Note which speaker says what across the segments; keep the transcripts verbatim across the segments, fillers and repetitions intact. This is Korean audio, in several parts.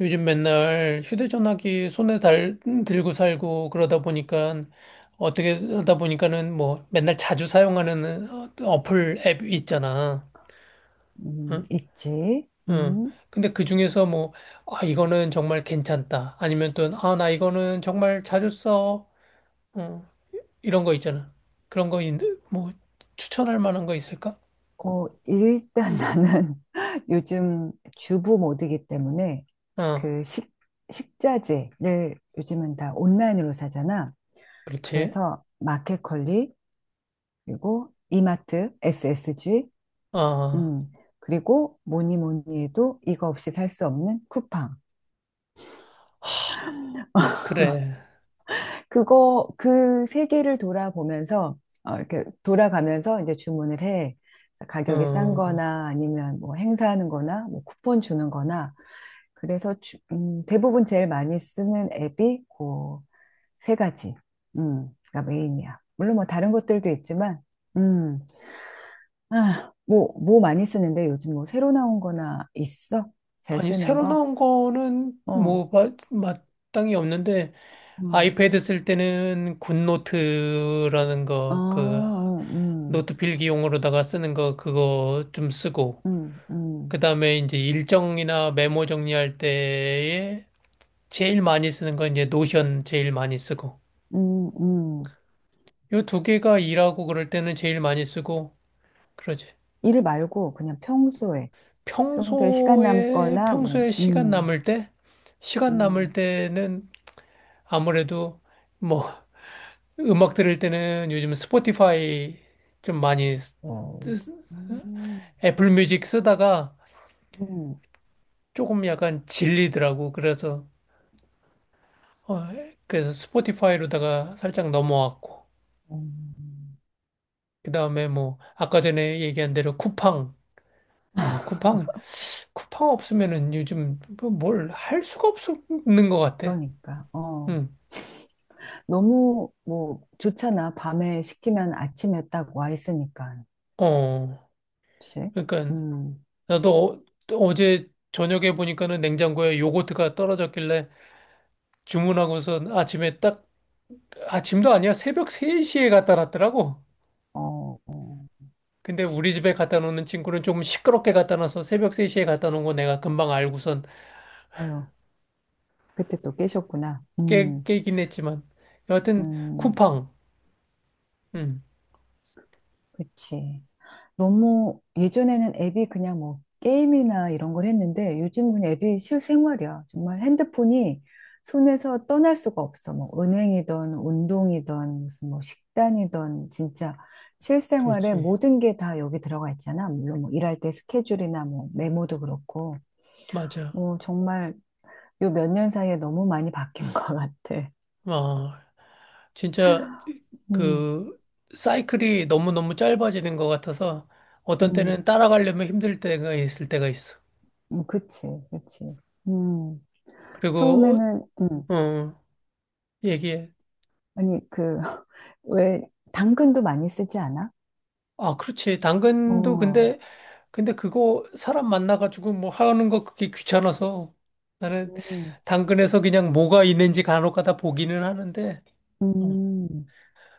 Speaker 1: 요즘 맨날 휴대전화기 손에 달, 들고 살고 그러다 보니까 어떻게 하다 보니까는 뭐 맨날 자주 사용하는 어- 어플 앱 있잖아.
Speaker 2: 음,
Speaker 1: 응?
Speaker 2: 있지.
Speaker 1: 응.
Speaker 2: 음.
Speaker 1: 근데 그 중에서 뭐, 아, 이거는 정말 괜찮다. 아니면 또, 아, 나 이거는 정말 자주 써. 어, 이런 거 있잖아. 그런 거, 있- 뭐, 추천할 만한 거 있을까?
Speaker 2: 어, 일단 나는 요즘 주부 모드이기 때문에
Speaker 1: 어,
Speaker 2: 그 식, 식자재를 요즘은 다 온라인으로 사잖아.
Speaker 1: 그렇지.
Speaker 2: 그래서 마켓컬리, 그리고 이마트, 에스에스지,
Speaker 1: 어,
Speaker 2: 음, 그리고 뭐니 뭐니 해도 이거 없이 살 수 없는 쿠팡.
Speaker 1: 그래.
Speaker 2: 그거 그 세계를 돌아보면서 어, 이렇게 돌아가면서 이제 주문을 해. 그래서 가격이 싼
Speaker 1: 어.
Speaker 2: 거나 아니면 뭐 행사하는 거나 뭐 쿠폰 주는 거나 그래서 주- 음, 대부분 제일 많이 쓰는 앱이 그 세 가지. 음, 가 메인이야. 물론 뭐 다른 것들도 있지만 음. 아, 뭐 뭐 많이 쓰는데 요즘 뭐 새로 나온 거나 있어? 잘
Speaker 1: 아니,
Speaker 2: 쓰는
Speaker 1: 새로
Speaker 2: 거?
Speaker 1: 나온 거는
Speaker 2: 어.
Speaker 1: 뭐, 마, 마땅히 없는데,
Speaker 2: 음.
Speaker 1: 아이패드 쓸 때는 굿노트라는
Speaker 2: 아,
Speaker 1: 거, 그,
Speaker 2: 어, 음.
Speaker 1: 노트 필기용으로다가 쓰는 거, 그거 좀 쓰고,
Speaker 2: 음,
Speaker 1: 그
Speaker 2: 음.
Speaker 1: 다음에 이제 일정이나 메모 정리할 때에 제일 많이 쓰는 건 이제 노션 제일 많이 쓰고,
Speaker 2: 음, 음.
Speaker 1: 요 두 개가 일하고 그럴 때는 제일 많이 쓰고, 그러지.
Speaker 2: 일 말고 그냥 평소에 평소에 시간
Speaker 1: 평소에,
Speaker 2: 남거나 뭐
Speaker 1: 평소에 시간
Speaker 2: 음,
Speaker 1: 남을 때, 시간 남을
Speaker 2: 음,
Speaker 1: 때는 아무래도 뭐, 음악 들을 때는 요즘 스포티파이 좀 많이 쓰-
Speaker 2: 어,
Speaker 1: 쓰-
Speaker 2: 음,
Speaker 1: 애플 뮤직 쓰다가
Speaker 2: 음,
Speaker 1: 조금 약간 질리더라고. 그래서 어, 그래서 스포티파이로다가 살짝 넘어왔고.
Speaker 2: 음.
Speaker 1: 그다음에 뭐 아까 전에 얘기한 대로 쿠팡. 아, 쿠팡. 쿠팡 없으면은 요즘 뭐 뭘할 수가 없는 것 같아.
Speaker 2: 그러니까 어
Speaker 1: 응.
Speaker 2: 너무 뭐 좋잖아, 밤에 시키면 아침에 딱 와 있으니까.
Speaker 1: 어.
Speaker 2: 그치?
Speaker 1: 그러니까
Speaker 2: 음,
Speaker 1: 나도 어, 어제 저녁에 보니까는 냉장고에 요거트가 떨어졌길래 주문하고서 아침에 딱 아침도 아니야. 새벽 세 시에 갖다 놨더라고.
Speaker 2: 어, 어.
Speaker 1: 근데 우리 집에 갖다 놓는 친구는 조금 시끄럽게 갖다 놔서 새벽 세 시에 갖다 놓은 거 내가 금방 알고선
Speaker 2: 아유, 그때 또 깨셨구나.
Speaker 1: 깨,
Speaker 2: 음,
Speaker 1: 깨긴 했지만. 여하튼,
Speaker 2: 음.
Speaker 1: 쿠팡. 응,
Speaker 2: 그치. 너무 예전에는 앱이 그냥 뭐 게임이나 이런 걸 했는데 요즘은 앱이 실생활이야. 정말 핸드폰이 손에서 떠날 수가 없어. 뭐 은행이든 운동이든 무슨 뭐 식단이든 진짜 실생활에
Speaker 1: 그렇지.
Speaker 2: 모든 게 다 여기 들어가 있잖아. 물론 뭐 일할 때 스케줄이나 뭐 메모도 그렇고.
Speaker 1: 맞아.
Speaker 2: 뭐 정말 요 몇 년 사이에 너무 많이 바뀐 것 같아.
Speaker 1: 아, 진짜,
Speaker 2: 음,
Speaker 1: 그, 사이클이 너무너무 짧아지는 것 같아서 어떤
Speaker 2: 음,
Speaker 1: 때는 따라가려면 힘들 때가 있을 때가 있어.
Speaker 2: 음, 그치, 그치. 음,
Speaker 1: 그리고,
Speaker 2: 처음에는, 음,
Speaker 1: 어, 어, 얘기해.
Speaker 2: 아니, 그, 왜, 당근도 많이 쓰지 않아?
Speaker 1: 아, 그렇지. 당근도
Speaker 2: 어,
Speaker 1: 근데 근데 그거 사람 만나가지고 뭐 하는 거 그게 귀찮아서 나는
Speaker 2: 음.
Speaker 1: 당근에서 그냥 뭐가 있는지 간혹 가다 보기는 하는데. 어.
Speaker 2: 음,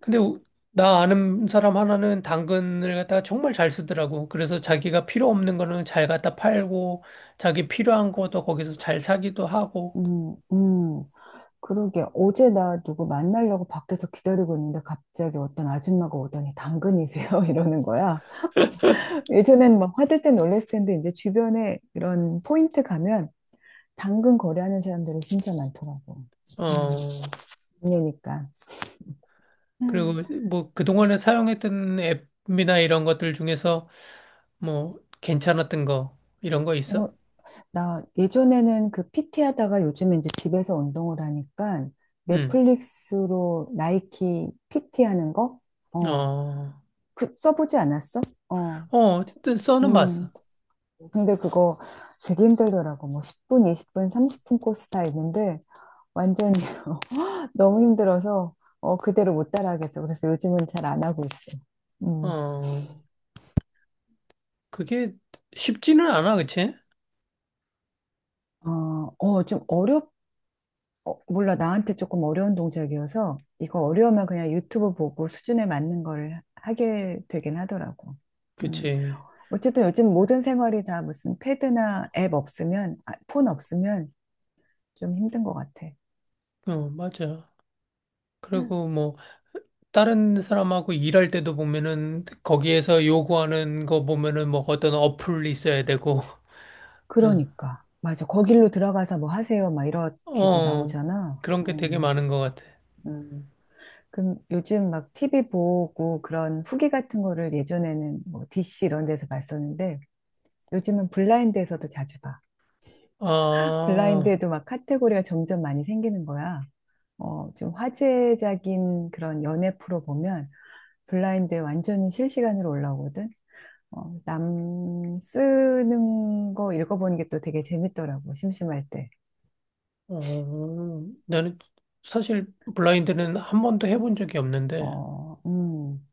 Speaker 1: 근데 우- 나 아는 사람 하나는 당근을 갖다가 정말 잘 쓰더라고. 그래서 자기가 필요 없는 거는 잘 갖다 팔고 자기 필요한 것도 거기서 잘 사기도 하고.
Speaker 2: 음, 음. 그러게. 어제 나 누구 만나려고 밖에서 기다리고 있는데 갑자기 어떤 아줌마가 오더니, 당근이세요? 이러는 거야. 예전엔 막 화들짝 놀랐을 텐데 이제 주변에 이런 포인트 가면 당근 거래하는 사람들이 진짜 많더라고.
Speaker 1: 어.
Speaker 2: 음, 이니까.
Speaker 1: 그리고 뭐 그동안에 사용했던 앱이나 이런 것들 중에서 뭐 괜찮았던 거 이런 거
Speaker 2: 어,
Speaker 1: 있어?
Speaker 2: 나 예전에는 그 피티 하다가 요즘 이제 집에서 운동을 하니까
Speaker 1: 응.
Speaker 2: 넷플릭스로 나이키 피티 하는 거? 어,
Speaker 1: 어.
Speaker 2: 그 써보지 않았어? 어,
Speaker 1: 어, 뜨- 써는
Speaker 2: 음.
Speaker 1: 봤어.
Speaker 2: 근데 그거 되게 힘들더라고. 뭐 십 분, 이십 분, 삼십 분 코스 다 있는데 완전 너무 힘들어서 어, 그대로 못 따라하겠어. 그래서 요즘은 잘 안 하고 있어. 음.
Speaker 1: 어, 그게 쉽지는 않아, 그치?
Speaker 2: 어, 어, 좀 어렵, 어, 몰라, 나한테 조금 어려운 동작이어서 이거 어려우면 그냥 유튜브 보고 수준에 맞는 걸 하게 되긴 하더라고. 음,
Speaker 1: 그치.
Speaker 2: 어쨌든 요즘 모든 생활이 다 무슨 패드나 앱 없으면, 아, 폰 없으면 좀 힘든 것 같아.
Speaker 1: 어, 맞아.
Speaker 2: 음.
Speaker 1: 그리고 뭐, 다른 사람하고 일할 때도 보면은, 거기에서 요구하는 거 보면은, 뭐, 어떤 어플이 있어야 되고,
Speaker 2: 그러니까. 맞아. 거길로 들어가서 뭐 하세요, 막 이렇게도
Speaker 1: 어,
Speaker 2: 나오잖아.
Speaker 1: 그런 게 되게
Speaker 2: 음,
Speaker 1: 많은 것 같아.
Speaker 2: 음. 그럼 요즘 막 티비 보고 그런 후기 같은 거를 예전에는 뭐 디씨 이런 데서 봤었는데 요즘은 블라인드에서도 자주 봐.
Speaker 1: 아,
Speaker 2: 블라인드에도 막 카테고리가 점점 많이 생기는 거야. 어, 좀 화제적인 그런 연애 프로 보면 블라인드에 완전히 실시간으로 올라오거든. 어, 남 쓰는 거 읽어보는 게 또 되게 재밌더라고, 심심할 때.
Speaker 1: 어, 나는 사실 블라인드는 한 번도 해본 적이 없는데,
Speaker 2: 어, 음.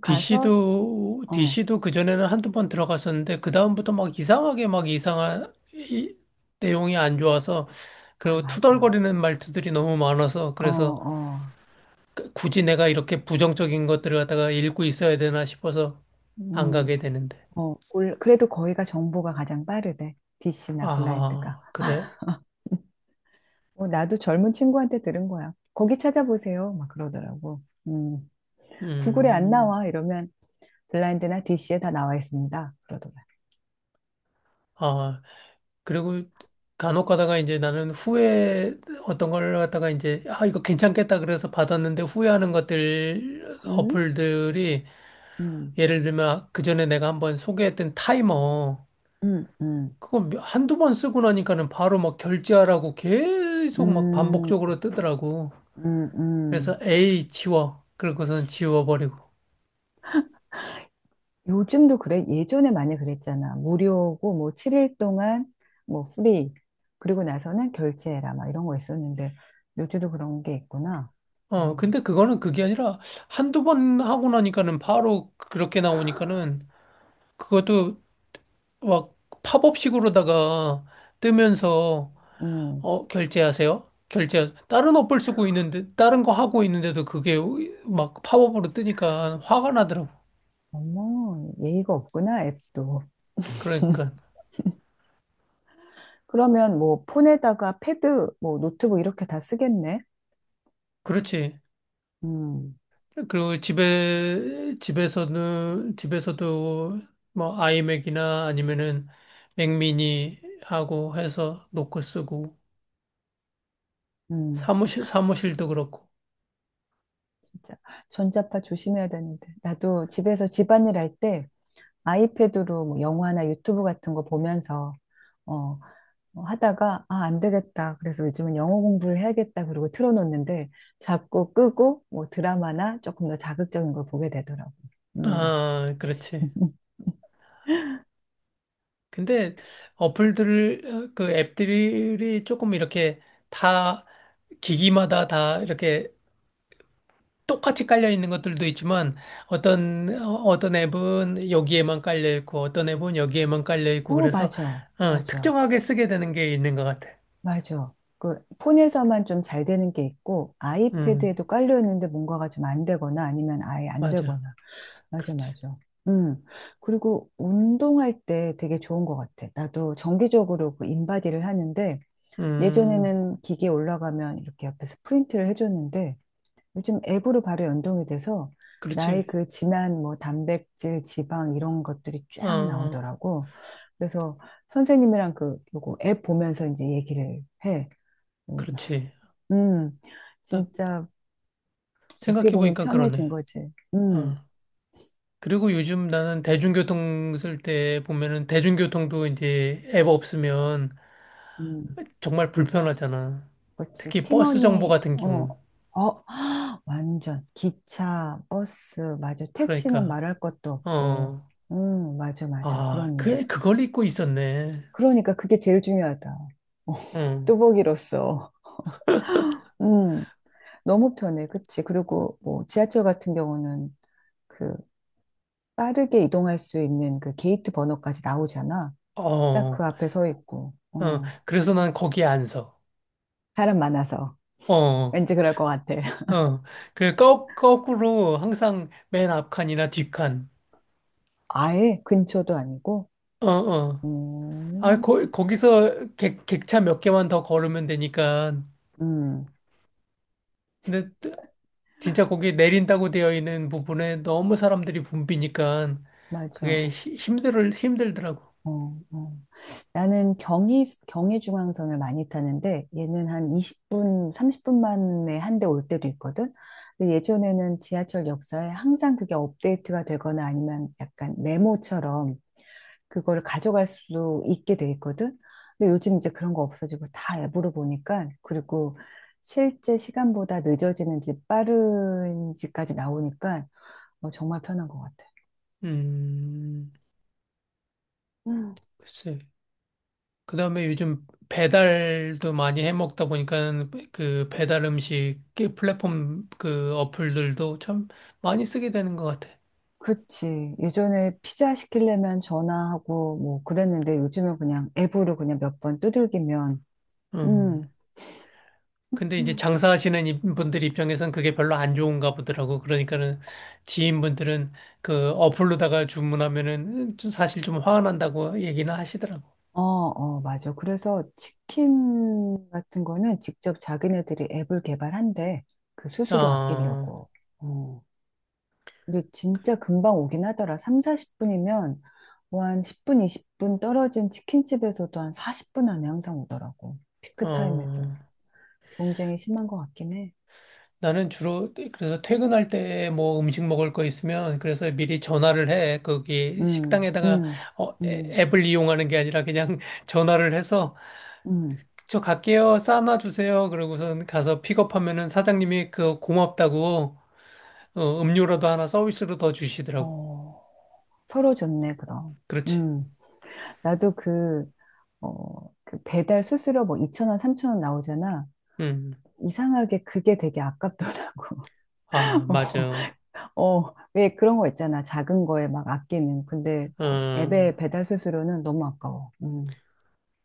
Speaker 2: 가서,
Speaker 1: 디씨도,
Speaker 2: 어,
Speaker 1: 디씨도 그전에는 한두 번 들어갔었는데, 그다음부터 막 이상하게 막 이상한 이, 내용이 안 좋아서,
Speaker 2: 아,
Speaker 1: 그리고
Speaker 2: 맞아.
Speaker 1: 투덜거리는 말투들이 너무 많아서,
Speaker 2: 어,
Speaker 1: 그래서
Speaker 2: 어,
Speaker 1: 굳이 내가 이렇게 부정적인 것들을 갖다가 읽고 있어야 되나 싶어서 안
Speaker 2: 음,
Speaker 1: 가게 되는데.
Speaker 2: 어, 올- 그래도 거기가 정보가 가장 빠르대. 디씨나 블라인드가.
Speaker 1: 아, 그래?
Speaker 2: 어, 나도 젊은 친구한테 들은 거야. 거기 찾아보세요, 막 그러더라고. 음. 구글에 안
Speaker 1: 음,
Speaker 2: 나와 이러면 블라인드나 디씨에 다 나와 있습니다, 그러더라고요.
Speaker 1: 아, 그리고 간혹 가다가 이제 나는 후회 어떤 걸 갖다가 이제, 아, 이거 괜찮겠다 그래서 받았는데 후회하는 것들,
Speaker 2: 음,
Speaker 1: 어플들이
Speaker 2: 음,
Speaker 1: 예를 들면 그전에 내가 한번 소개했던 타이머
Speaker 2: 음, 음,
Speaker 1: 그거 몇- 한두 번 쓰고 나니까는 바로 막 결제하라고 계속 막
Speaker 2: 음,
Speaker 1: 반복적으로 뜨더라고.
Speaker 2: 음,
Speaker 1: 그래서
Speaker 2: 음.
Speaker 1: 에이 지워. 그러고선 지워버리고.
Speaker 2: 요즘도 그래. 예전에 많이 그랬잖아. 무료고 뭐 칠 일 동안 뭐 프리, 그리고 나서는 결제해라, 막 이런 거 있었는데 요즘도 그런 게 있구나. 음,
Speaker 1: 어 근데 그거는 그게 아니라 한두 번 하고 나니까는 바로 그렇게 나오니까는 그것도 막 팝업식으로다가 뜨면서
Speaker 2: 음.
Speaker 1: 어 결제하세요. 결제 다른 어플 쓰고 있는데 다른 거 하고 있는데도 그게 막 팝업으로 뜨니까 화가 나더라고.
Speaker 2: 어머, 예의가 없구나, 앱도.
Speaker 1: 그러니까
Speaker 2: 그러면 뭐 폰에다가 패드, 뭐 노트북 이렇게 다 쓰겠네.
Speaker 1: 그렇지.
Speaker 2: 음,
Speaker 1: 그리고 집에 집에서는 집에서도 뭐 아이맥이나 아니면은 맥미니 하고 해서 노크 쓰고
Speaker 2: 음.
Speaker 1: 사무실 사무실도 그렇고.
Speaker 2: 진짜 전자파 조심해야 되는데. 나도 집에서 집안일 할 때 아이패드로 뭐 영화나 유튜브 같은 거 보면서 어, 어, 하다가, 아, 안 되겠다, 그래서 요즘은 영어 공부를 해야겠다, 그러고 틀어놓는데 자꾸 끄고 뭐 드라마나 조금 더 자극적인 걸 보게 되더라고. 음.
Speaker 1: 아, 그렇지. 근데 어플들을 어, 그 앱들이 조금 이렇게 다 기기마다 다 이렇게 똑같이 깔려 있는 것들도 있지만 어떤 어, 어떤 앱은 여기에만 깔려 있고 어떤 앱은 여기에만 깔려 있고
Speaker 2: 어,
Speaker 1: 그래서
Speaker 2: 맞아.
Speaker 1: 어,
Speaker 2: 맞아.
Speaker 1: 특정하게 쓰게 되는 게 있는 것 같아.
Speaker 2: 맞아. 그 폰에서만 좀 잘 되는 게 있고
Speaker 1: 음,
Speaker 2: 아이패드에도 깔려 있는데 뭔가가 좀 안 되거나 아니면 아예 안 되거나.
Speaker 1: 맞아.
Speaker 2: 맞아,
Speaker 1: 그렇지.
Speaker 2: 맞아. 음. 그리고 운동할 때 되게 좋은 것 같아. 나도 정기적으로 그 인바디를 하는데
Speaker 1: 음,
Speaker 2: 예전에는 기계에 올라가면 이렇게 옆에서 프린트를 해줬는데 요즘 앱으로 바로 연동이 돼서
Speaker 1: 그렇지.
Speaker 2: 나의 그 진한 뭐 단백질, 지방 이런 것들이
Speaker 1: 어,
Speaker 2: 쫙
Speaker 1: 어,
Speaker 2: 나오더라고. 그래서 선생님이랑 그 요거 앱 보면서 이제 얘기를 해. 음,
Speaker 1: 그렇지.
Speaker 2: 음.
Speaker 1: 나
Speaker 2: 진짜 어떻게
Speaker 1: 생각해
Speaker 2: 보면
Speaker 1: 보니까 그러네.
Speaker 2: 편해진 거지.
Speaker 1: 어.
Speaker 2: 음,
Speaker 1: 그리고 요즘 나는 대중교통 쓸 때 보면은 대중교통도 이제 앱 없으면
Speaker 2: 음.
Speaker 1: 정말 불편하잖아.
Speaker 2: 그렇지.
Speaker 1: 특히 버스 정보
Speaker 2: 팀원이,
Speaker 1: 같은
Speaker 2: 어,
Speaker 1: 경우.
Speaker 2: 어, 완전. 기차, 버스, 맞아. 택시는
Speaker 1: 그러니까
Speaker 2: 말할 것도 없고.
Speaker 1: 어.
Speaker 2: 음, 맞아, 맞아.
Speaker 1: 아,
Speaker 2: 그렇네.
Speaker 1: 그, 그걸 입고 있었네.
Speaker 2: 그러니까 그게 제일 중요하다. 어,
Speaker 1: 응,
Speaker 2: 뚜벅이로서. 음, 너무 편해. 그치. 그리고 뭐 지하철 같은 경우는 그 빠르게 이동할 수 있는 그 게이트 번호까지 나오잖아. 딱 그
Speaker 1: 어,
Speaker 2: 앞에 서 있고.
Speaker 1: 어,
Speaker 2: 어,
Speaker 1: 그래서 난 거기에 안 서.
Speaker 2: 사람 많아서.
Speaker 1: 어, 어.
Speaker 2: 왠지 그럴 것 같아.
Speaker 1: 그래, 거, 거꾸로 항상 맨 앞칸이나 뒷칸.
Speaker 2: 아예 근처도 아니고.
Speaker 1: 어, 어. 아,
Speaker 2: 음.
Speaker 1: 거, 거기서 객, 객차 몇 개만 더 걸으면 되니까.
Speaker 2: 음.
Speaker 1: 근데 또 진짜 거기 내린다고 되어 있는 부분에 너무 사람들이 붐비니까 그게
Speaker 2: 맞아.
Speaker 1: 힘들, 힘들더라고.
Speaker 2: 어, 어. 나는 경의, 경의중앙선을 많이 타는데 얘는 한 이십 분, 삼십 분 만에 한 대 올 때도 있거든. 근데 예전에는 지하철 역사에 항상 그게 업데이트가 되거나 아니면 약간 메모처럼 그걸 가져갈 수 있게 돼 있거든. 근데 요즘 이제 그런 거 없어지고 다 앱으로 보니까, 그리고 실제 시간보다 늦어지는지 빠른지까지 나오니까 어, 정말 편한 것 같아.
Speaker 1: 음, 글쎄. 그다음에 요즘 배달도 많이 해 먹다 보니까 그 배달 음식 그 플랫폼 그 어플들도 참 많이 쓰게 되는 것 같아.
Speaker 2: 그치. 예전에 피자 시키려면 전화하고 뭐 그랬는데 요즘은 그냥 앱으로 그냥 몇 번 두들기면.
Speaker 1: 음.
Speaker 2: 음,
Speaker 1: 근데 이제 장사하시는 이- 분들 입장에선 그게 별로 안 좋은가 보더라고. 그러니까는 지인분들은 그 어플로다가 주문하면은 좀 사실 좀 화가 난다고 얘기는 하시더라고.
Speaker 2: 어, 어, 맞아. 그래서 치킨 같은 거는 직접 자기네들이 앱을 개발한대. 그 수수료
Speaker 1: 어,
Speaker 2: 아끼려고. 어. 근데 진짜 금방 오긴 하더라. 삼, 사십 분이면 뭐 한 십 분, 이십 분 떨어진 치킨집에서도 한 사십 분 안에 항상 오더라고. 피크 타임에도.
Speaker 1: 어.
Speaker 2: 경쟁이 심한 것 같긴 해.
Speaker 1: 나는 주로 그, 그래서 퇴근할 때 뭐 음식 먹을 거 있으면 그래서 미리 전화를 해. 거기
Speaker 2: 음,
Speaker 1: 식당에다가
Speaker 2: 음,
Speaker 1: 어, 애-
Speaker 2: 음.
Speaker 1: 앱을 이용하는 게 아니라 그냥 전화를 해서
Speaker 2: 음,
Speaker 1: 저 갈게요. 싸놔 주세요. 그러고선 가서 픽업하면은 사장님이 그 고맙다고 어, 음료라도 하나 서비스로 더 주시더라고.
Speaker 2: 어, 서로 좋네, 그럼.
Speaker 1: 그렇지.
Speaker 2: 음, 나도 그, 어, 그 배달 수수료 뭐 이천 원, 삼천 원 나오잖아.
Speaker 1: 음.
Speaker 2: 이상하게 그게 되게 아깝더라고.
Speaker 1: 아, 맞아.
Speaker 2: 어, 어, 왜, 그런 거 있잖아, 작은 거에 막 아끼는. 근데 그 앱의
Speaker 1: 어.
Speaker 2: 배달 수수료는 너무 아까워. 음.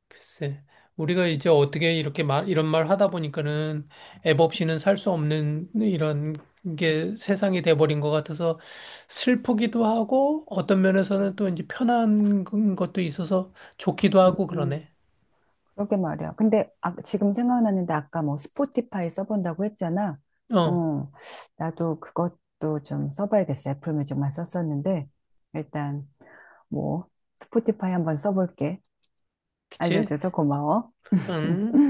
Speaker 1: 글쎄, 우리가 이제 어떻게 이렇게 말, 이런 말 하다 보니까는 앱 없이는 살 수 없는 이런 게 세상이 돼버린 것 같아서 슬프기도 하고 어떤 면에서는 또 이제 편한 것도 있어서 좋기도 하고
Speaker 2: 음,
Speaker 1: 그러네.
Speaker 2: 그러게 말이야. 근데, 아, 지금 생각나는데 아까 뭐 스포티파이 써본다고 했잖아.
Speaker 1: 어,
Speaker 2: 어, 나도 그것도 좀 써봐야겠어. 애플뮤직만 썼었는데 일단 뭐, 스포티파이 한번 써볼게.
Speaker 1: 그치?
Speaker 2: 알려줘서 고마워.
Speaker 1: 응.